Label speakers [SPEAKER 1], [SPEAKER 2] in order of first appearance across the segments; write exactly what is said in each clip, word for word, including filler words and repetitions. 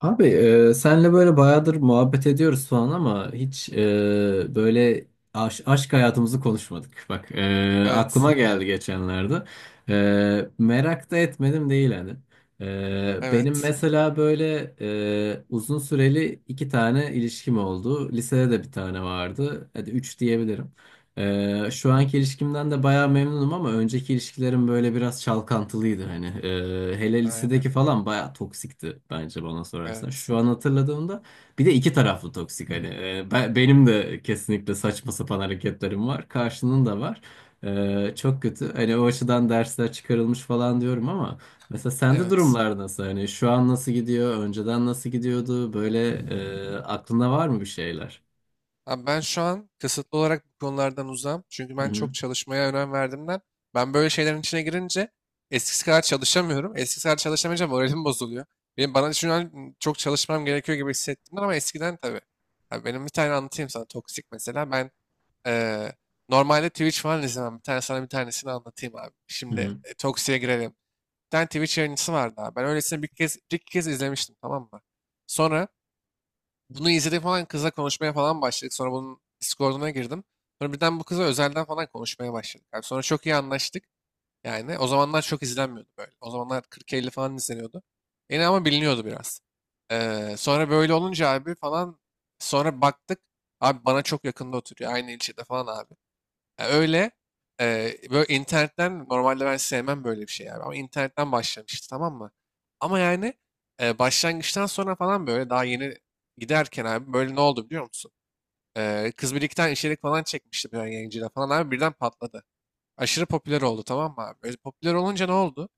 [SPEAKER 1] Abi, e, senle böyle bayağıdır muhabbet ediyoruz falan ama hiç e, böyle aş- aşk hayatımızı konuşmadık. Bak, e,
[SPEAKER 2] Evet.
[SPEAKER 1] aklıma geldi geçenlerde. E, merak da etmedim değil hani. E, benim
[SPEAKER 2] Evet.
[SPEAKER 1] mesela böyle e, uzun süreli iki tane ilişkim oldu. Lisede de bir tane vardı. Hadi üç diyebilirim. Ee, şu anki ilişkimden de bayağı memnunum ama önceki ilişkilerim böyle biraz çalkantılıydı hani. Ee, hele
[SPEAKER 2] Aynen.
[SPEAKER 1] lisedeki falan bayağı toksikti bence bana sorarsan.
[SPEAKER 2] Evet.
[SPEAKER 1] Şu an hatırladığımda bir de iki taraflı toksik hani. Ee, ben- benim de kesinlikle saçma sapan hareketlerim var. Karşının da var. Ee, çok kötü. Hani o açıdan dersler çıkarılmış falan diyorum ama mesela sende
[SPEAKER 2] Evet.
[SPEAKER 1] durumlar nasıl? Hani şu an nasıl gidiyor? Önceden nasıl gidiyordu? Böyle e, aklında var mı bir şeyler?
[SPEAKER 2] Abi ben şu an kısıtlı olarak bu konulardan uzağım. Çünkü
[SPEAKER 1] Hı
[SPEAKER 2] ben
[SPEAKER 1] hı.
[SPEAKER 2] çok çalışmaya önem verdiğimden ben böyle şeylerin içine girince eskisi kadar çalışamıyorum. Eskisi kadar çalışamayınca moralim bozuluyor. Benim bana şu an çok çalışmam gerekiyor gibi hissettim ama eskiden tabii. Abi benim bir tane anlatayım sana toksik mesela. Ben eee, normalde Twitch falan izlemem. Bir tane sana bir tanesini anlatayım abi.
[SPEAKER 1] Hı
[SPEAKER 2] Şimdi
[SPEAKER 1] hı.
[SPEAKER 2] e, toksiğe girelim. Tane Twitch yayıncısı vardı abi. Ben öylesine bir kez, bir iki kez izlemiştim, tamam mı? Sonra bunu izledik falan, kızla konuşmaya falan başladık. Sonra bunun Discord'una girdim. Sonra birden bu kıza özelden falan konuşmaya başladık. Abi sonra çok iyi anlaştık. Yani o zamanlar çok izlenmiyordu böyle. O zamanlar kırk elli falan izleniyordu. Yine ama biliniyordu biraz. Ee, sonra böyle olunca abi falan sonra baktık. Abi bana çok yakında oturuyor. Aynı ilçede falan abi. Ya öyle, eee, böyle internetten normalde ben sevmem böyle bir şey yani ama internetten başlamıştı, tamam mı? Ama yani eee, başlangıçtan sonra falan böyle daha yeni giderken abi böyle ne oldu biliyor musun? Eee, Kız Birlik'ten içerik falan çekmişti bir yayıncıyla falan abi, birden patladı. Aşırı popüler oldu, tamam mı abi? Böyle popüler olunca ne oldu?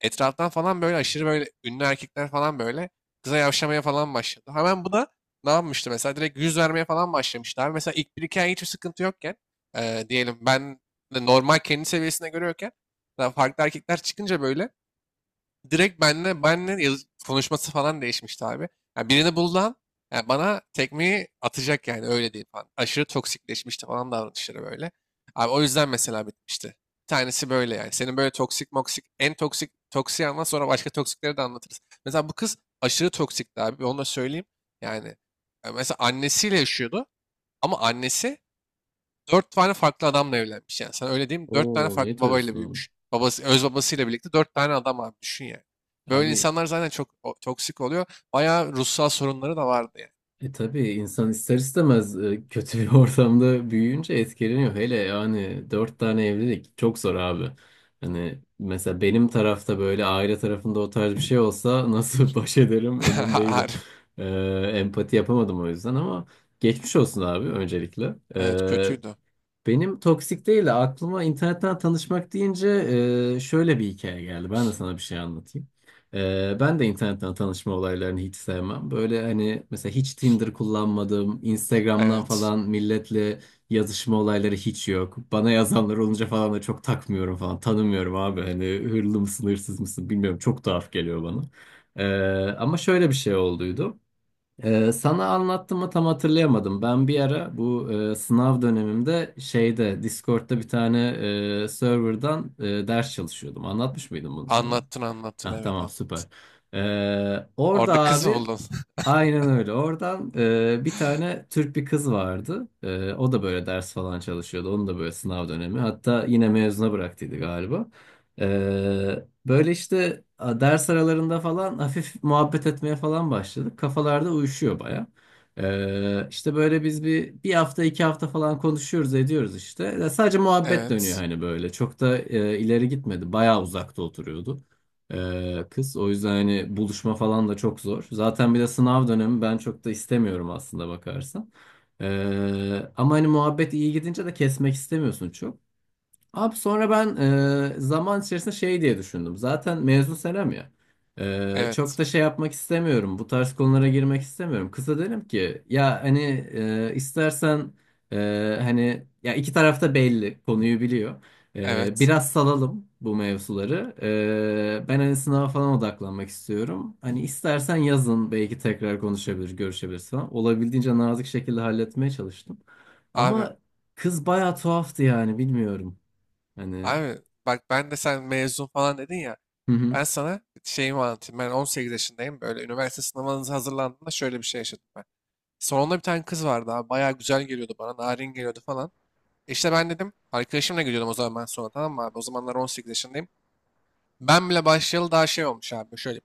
[SPEAKER 2] Etraftan falan böyle aşırı böyle ünlü erkekler falan böyle kıza yavşamaya falan başladı. Hemen bu da ne yapmıştı mesela? Direkt yüz vermeye falan başlamıştı abi. Mesela ilk bir iki ay hiçbir sıkıntı yokken e, diyelim ben de normal kendi seviyesine görüyorken daha farklı erkekler çıkınca böyle direkt benle benle yazı- konuşması falan değişmişti abi. Yani birini buldan yani bana tekmeyi atacak yani, öyle diyeyim falan. Aşırı toksikleşmişti falan davranışları böyle. Abi o yüzden mesela bitmişti. Bir tanesi böyle yani. Senin böyle toksik moksik en toksik toksiği anlat, sonra başka toksikleri de anlatırız. Mesela bu kız aşırı toksikti abi. Onu da söyleyeyim. Yani e, mesela annesiyle yaşıyordu ama annesi dört tane farklı adamla evlenmiş yani. Sen öyle diyeyim. Dört tane
[SPEAKER 1] Oo,
[SPEAKER 2] farklı
[SPEAKER 1] ne
[SPEAKER 2] babayla
[SPEAKER 1] diyorsun?
[SPEAKER 2] büyümüş. Babası, öz babasıyla birlikte dört tane adam abi, düşün yani. Böyle
[SPEAKER 1] Abi,
[SPEAKER 2] insanlar zaten çok o- toksik oluyor. Bayağı ruhsal sorunları da vardı yani.
[SPEAKER 1] e tabii insan ister istemez e, kötü bir ortamda büyüyünce etkileniyor. Hele yani dört tane evlilik çok zor abi. Hani mesela benim tarafta böyle aile tarafında o tarz bir şey olsa nasıl baş ederim emin değilim.
[SPEAKER 2] Har-
[SPEAKER 1] E, Empati yapamadım o yüzden ama geçmiş olsun abi öncelikle.
[SPEAKER 2] Evet,
[SPEAKER 1] E,
[SPEAKER 2] kötüydü.
[SPEAKER 1] Benim toksik değil de aklıma internetten tanışmak deyince e, şöyle bir hikaye geldi. Ben de sana bir şey anlatayım. E, ben de internetten tanışma olaylarını hiç sevmem. Böyle hani mesela hiç Tinder kullanmadım. Instagram'dan
[SPEAKER 2] Evet.
[SPEAKER 1] falan milletle yazışma olayları hiç yok. Bana yazanlar olunca falan da çok takmıyorum falan. Tanımıyorum abi, hani hırlı mısın hırsız mısın bilmiyorum. Çok tuhaf geliyor bana. E, Ama şöyle bir şey olduydu. Ee, sana anlattım mı tam hatırlayamadım. Ben bir ara bu e, sınav dönemimde şeyde Discord'da bir tane e, serverdan e, ders çalışıyordum. Anlatmış mıydım bunu sana?
[SPEAKER 2] Anlattın, anlattın,
[SPEAKER 1] Ah,
[SPEAKER 2] evet,
[SPEAKER 1] tamam,
[SPEAKER 2] anlattın.
[SPEAKER 1] süper. Ee, orada
[SPEAKER 2] Orada kız mı
[SPEAKER 1] abi
[SPEAKER 2] buldun?
[SPEAKER 1] aynen öyle. Oradan e, bir tane Türk bir kız vardı. E, o da böyle ders falan çalışıyordu. Onun da böyle sınav dönemi. Hatta yine mezuna bıraktıydı galiba. Ee, böyle işte, a, ders aralarında falan hafif muhabbet etmeye falan başladık. Kafalarda uyuşuyor baya. Ee, işte böyle biz bir bir hafta iki hafta falan konuşuyoruz ediyoruz işte. Ya sadece muhabbet dönüyor
[SPEAKER 2] Evet.
[SPEAKER 1] hani böyle. Çok da e, ileri gitmedi. Baya uzakta oturuyordu. Ee, kız. O yüzden hani buluşma falan da çok zor. Zaten bir de sınav dönemi ben çok da istemiyorum aslında bakarsan. Ee, ama hani muhabbet iyi gidince de kesmek istemiyorsun çok. Abi sonra ben e, zaman içerisinde şey diye düşündüm. Zaten mezun senem ya. E, çok
[SPEAKER 2] Evet.
[SPEAKER 1] da şey yapmak istemiyorum. Bu tarz konulara girmek istemiyorum. Kıza dedim ki ya hani e, istersen e, hani ya iki tarafta belli konuyu biliyor. E,
[SPEAKER 2] Evet.
[SPEAKER 1] biraz salalım bu mevzuları. E, ben hani sınava falan odaklanmak istiyorum. Hani istersen yazın belki tekrar konuşabilir, görüşebiliriz falan. Olabildiğince nazik şekilde halletmeye çalıştım.
[SPEAKER 2] Abi.
[SPEAKER 1] Ama kız bayağı tuhaftı yani bilmiyorum. Hani,
[SPEAKER 2] Abi bak, ben de sen mezun falan dedin ya.
[SPEAKER 1] hı hı,
[SPEAKER 2] Ben sana şeyimi anlatayım. Ben on sekiz yaşındayım. Böyle üniversite sınavınıza hazırlandığımda şöyle bir şey yaşadım ben. Salonda bir tane kız vardı abi. Bayağı güzel geliyordu bana. Narin geliyordu falan. E İşte ben dedim. Arkadaşımla gidiyordum o zaman ben, sonra tamam mı abi? O zamanlar on sekiz yaşındayım. Ben bile başlayalı daha şey olmuş abi. Şöyle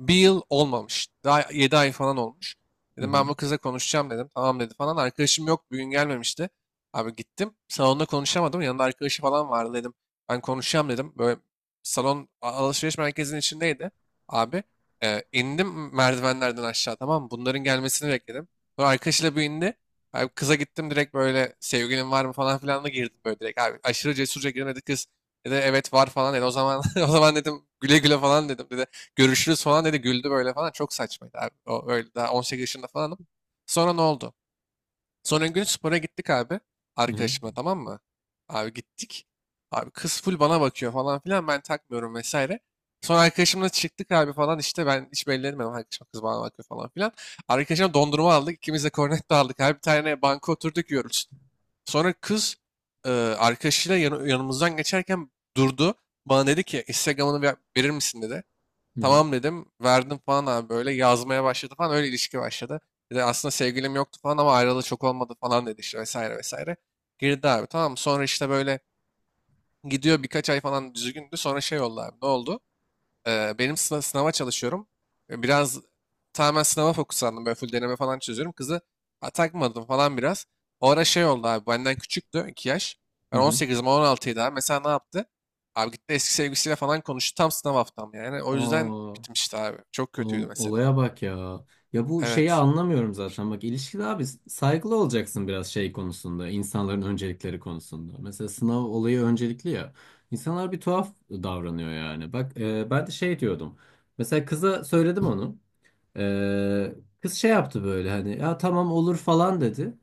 [SPEAKER 2] bir yıl olmamış. Daha yedi ay falan olmuş.
[SPEAKER 1] hı
[SPEAKER 2] Dedim
[SPEAKER 1] hı,
[SPEAKER 2] ben bu kıza konuşacağım dedim. Tamam dedi falan. Arkadaşım yok. Bugün gelmemişti. Abi gittim. Salonda konuşamadım. Yanında arkadaşı falan vardı dedim. Ben konuşacağım dedim. Böyle salon alışveriş merkezinin içindeydi. Abi e, indim merdivenlerden aşağı, tamam mı? Bunların gelmesini bekledim. Sonra arkadaşıyla bir indi. Abi kıza gittim direkt, böyle sevgilin var mı falan filan da girdim böyle direkt. Abi aşırı cesurca girdim dedi kız. Dedi evet var falan dedi. O zaman o zaman dedim, güle güle falan dedim. Dedi görüşürüz falan dedi, güldü böyle falan. Çok saçmaydı abi. O öyle daha on sekiz yaşında falanım. Sonra ne oldu? Sonra gün spora gittik abi.
[SPEAKER 1] hı hı,
[SPEAKER 2] Arkadaşımla, tamam mı? Abi gittik. Abi kız full bana bakıyor falan filan, ben takmıyorum vesaire. Sonra arkadaşımla çıktık abi falan, işte ben hiç belli etmedim arkadaşım, kız bana bakıyor falan filan. Arkadaşım dondurma aldık, ikimiz de kornetto aldık abi, bir tane banka oturduk yiyoruz. Sonra kız e, arkadaşıyla yanı- yanımızdan geçerken durdu. Bana dedi ki Instagram'ını ver- verir misin dedi.
[SPEAKER 1] hı hı.
[SPEAKER 2] Tamam dedim. Verdim falan abi, böyle yazmaya başladı falan, öyle ilişki başladı. Bir de aslında sevgilim yoktu falan ama ayrılığı çok olmadı falan dedi işte, vesaire vesaire. Girdi abi tamam, sonra işte böyle gidiyor birkaç ay falan düzgündü, sonra şey oldu abi, ne oldu? Eee, benim sınav, sınava çalışıyorum. E, Biraz tamamen sınava fokuslandım. Böyle full deneme falan çözüyorum. Kızı ha, takmadım falan biraz. O ara şey oldu abi. Benden küçüktü iki yaş.
[SPEAKER 1] Hı
[SPEAKER 2] Ben
[SPEAKER 1] hı.
[SPEAKER 2] on sekizim, on altıydı abi. Mesela ne yaptı? Abi gitti eski sevgilisiyle falan konuştu. Tam sınav haftam yani. O yüzden
[SPEAKER 1] Aa,
[SPEAKER 2] bitmişti abi. Çok kötüydü
[SPEAKER 1] oğlum,
[SPEAKER 2] mesela.
[SPEAKER 1] olaya bak ya. Ya bu şeyi
[SPEAKER 2] Evet.
[SPEAKER 1] anlamıyorum zaten. Bak, ilişkide abi saygılı olacaksın biraz şey konusunda, insanların öncelikleri konusunda. Mesela sınav olayı öncelikli ya. İnsanlar bir tuhaf davranıyor yani. Bak, e, ben de şey diyordum. Mesela kıza söyledim onu. Ee, Kız şey yaptı böyle hani ya tamam olur falan dedi.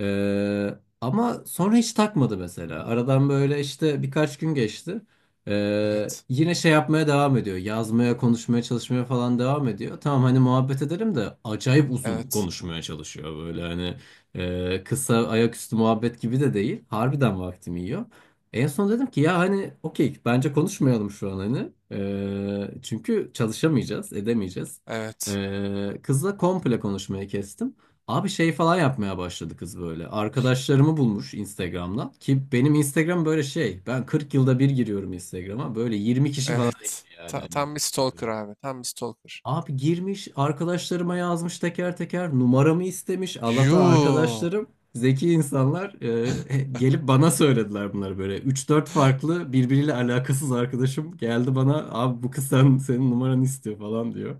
[SPEAKER 1] Ee, Ama sonra hiç takmadı mesela. Aradan böyle işte birkaç gün geçti. Ee,
[SPEAKER 2] Evet.
[SPEAKER 1] yine şey yapmaya devam ediyor. Yazmaya, konuşmaya, çalışmaya falan devam ediyor. Tamam hani muhabbet edelim de acayip uzun
[SPEAKER 2] Evet.
[SPEAKER 1] konuşmaya çalışıyor böyle hani e, kısa ayaküstü muhabbet gibi de değil. Harbiden vaktimi yiyor. En son dedim ki ya hani okey bence konuşmayalım şu an hani. Ee, çünkü çalışamayacağız, edemeyeceğiz.
[SPEAKER 2] Evet.
[SPEAKER 1] Ee, kızla komple konuşmayı kestim. Abi şey falan yapmaya başladı kız böyle. Arkadaşlarımı bulmuş Instagram'dan. Ki benim Instagram böyle şey. Ben kırk yılda bir giriyorum Instagram'a. Böyle yirmi kişi falan
[SPEAKER 2] Evet.
[SPEAKER 1] ekli yani.
[SPEAKER 2] Ta-
[SPEAKER 1] Hani
[SPEAKER 2] tam bir
[SPEAKER 1] Instagram'a.
[SPEAKER 2] stalker abi. Tam bir stalker.
[SPEAKER 1] Abi girmiş arkadaşlarıma yazmış teker teker numaramı istemiş. Allah'tan
[SPEAKER 2] Yuu.
[SPEAKER 1] arkadaşlarım zeki insanlar, e, he- gelip bana söylediler bunları böyle. Üç dört farklı birbiriyle alakasız arkadaşım geldi bana abi bu kız sen, senin numaranı istiyor falan diyor.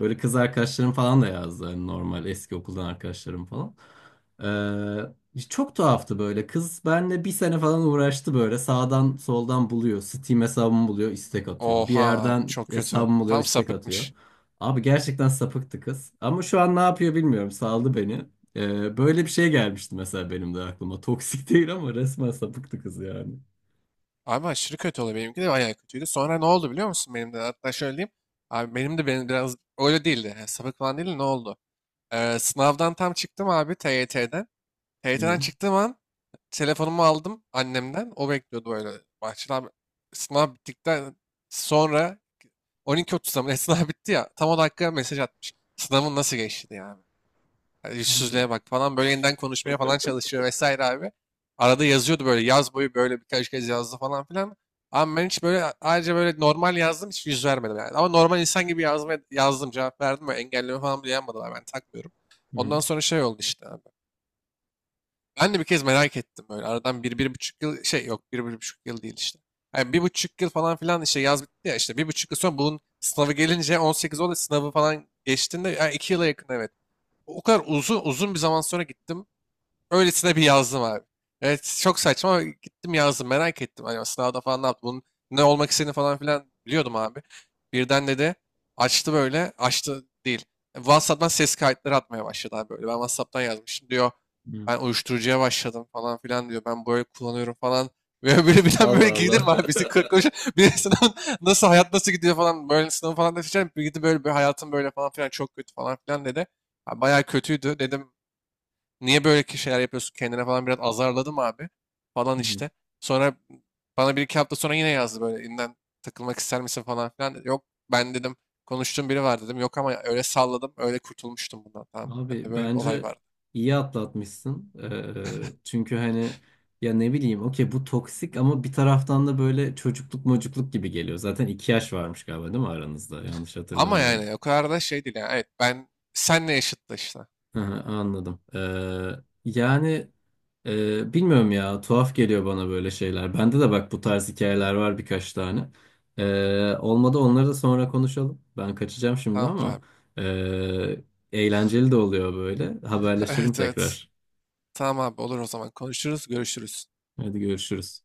[SPEAKER 1] Böyle kız arkadaşlarım falan da yazdı hani normal eski okuldan arkadaşlarım falan. Ee, çok tuhaftı böyle, kız benle bir sene falan uğraştı böyle sağdan soldan buluyor. Steam hesabımı buluyor istek atıyor. Bir
[SPEAKER 2] Oha abi,
[SPEAKER 1] yerden
[SPEAKER 2] çok kötü.
[SPEAKER 1] hesabımı buluyor
[SPEAKER 2] Tam
[SPEAKER 1] istek atıyor.
[SPEAKER 2] sapıkmış.
[SPEAKER 1] Abi gerçekten sapıktı kız. Ama şu an ne yapıyor bilmiyorum. Saldı beni. Ee, böyle bir şey gelmişti mesela benim de aklıma. Toksik değil ama resmen sapıktı kız yani.
[SPEAKER 2] Abi aşırı kötü oluyor. Benimki de bayağı kötüydü. Sonra ne oldu biliyor musun benim de? Hatta şöyle diyeyim. Abi benim de benim biraz öyle değildi. Yani sapık falan değildi. Ne oldu? Ee, sınavdan tam çıktım abi T Y T'den.
[SPEAKER 1] Hı.
[SPEAKER 2] T Y T'den çıktığım an telefonumu aldım annemden. O bekliyordu böyle bahçede abi. Sınav bittikten sonra on iki otuzda mı ne sınav bitti ya. Tam o dakika mesaj atmış. Sınavın nasıl geçti diye abi. Yani
[SPEAKER 1] Abi.
[SPEAKER 2] yüzsüzlüğe bak falan, böyle yeniden konuşmaya falan çalışıyor vesaire abi. Arada yazıyordu böyle, yaz boyu böyle birkaç kez yazdı falan filan. Ama ben hiç böyle ayrıca böyle normal yazdım, hiç yüz vermedim yani. Ama normal insan gibi yazmaya, yazdım, cevap verdim ve engelleme falan bile yapmadılar, ben takmıyorum.
[SPEAKER 1] Hı.
[SPEAKER 2] Ondan sonra şey oldu işte abi. Ben de bir kez merak ettim, böyle aradan bir, bir buçuk yıl şey, yok bir, bir buçuk yıl değil işte. Yani bir buçuk yıl falan filan işte, yaz bitti ya, işte bir buçuk yıl sonra bunun sınavı gelince on sekiz oldu, sınavı falan geçtiğinde, yani iki yıla yakın evet. O kadar uzun uzun bir zaman sonra gittim. Öylesine bir yazdım abi. Evet çok saçma ama gittim yazdım, merak ettim. Hani sınavda falan ne yaptı bunun, ne olmak istediğini falan filan biliyordum abi. Birden dedi açtı, böyle açtı değil. WhatsApp'tan ses kayıtları atmaya başladı abi böyle. Ben WhatsApp'tan yazmışım diyor.
[SPEAKER 1] Hı.
[SPEAKER 2] Ben uyuşturucuya başladım falan filan diyor. Ben böyle kullanıyorum falan. Böyle böyle bilen böyle
[SPEAKER 1] Allah
[SPEAKER 2] gelir
[SPEAKER 1] Allah.
[SPEAKER 2] mi abi? Bizi kırk koş. Bir sınav nasıl, hayat nasıl gidiyor falan. Böyle sınavı falan da seçerim. Bir gidi böyle, bir hayatım böyle falan filan çok kötü falan filan dedi. Ha, bayağı kötüydü. Dedim niye böyle ki şeyler yapıyorsun kendine falan, biraz azarladım abi falan
[SPEAKER 1] Hı.
[SPEAKER 2] işte. Sonra bana bir iki hafta sonra yine yazdı, böyle yeniden takılmak ister misin falan filan. Yok ben dedim, konuştuğum biri var dedim. Yok ama, öyle salladım, öyle kurtulmuştum bundan, tamam. Bende
[SPEAKER 1] Abi
[SPEAKER 2] böyle bir olay
[SPEAKER 1] bence
[SPEAKER 2] vardı.
[SPEAKER 1] iyi atlatmışsın. Ee, çünkü hani ya ne bileyim okey bu toksik ama bir taraftan da böyle çocukluk mocukluk gibi geliyor. Zaten iki yaş varmış galiba değil mi aranızda? Yanlış
[SPEAKER 2] Ama
[SPEAKER 1] hatırlamıyorum.
[SPEAKER 2] yani o kadar da şey değil yani. Evet, ben senle yaşıttı işte.
[SPEAKER 1] Hı hı, anladım. Ee, yani e, bilmiyorum ya, tuhaf geliyor bana böyle şeyler. Bende de bak bu tarz hikayeler var birkaç tane. Ee, olmadı onları da sonra konuşalım. Ben kaçacağım şimdi
[SPEAKER 2] Tamamdır
[SPEAKER 1] ama
[SPEAKER 2] abi.
[SPEAKER 1] e, eğlenceli de oluyor böyle. Haberleşelim
[SPEAKER 2] Evet, evet.
[SPEAKER 1] tekrar.
[SPEAKER 2] Tamam abi, olur, o zaman konuşuruz, görüşürüz.
[SPEAKER 1] Hadi görüşürüz.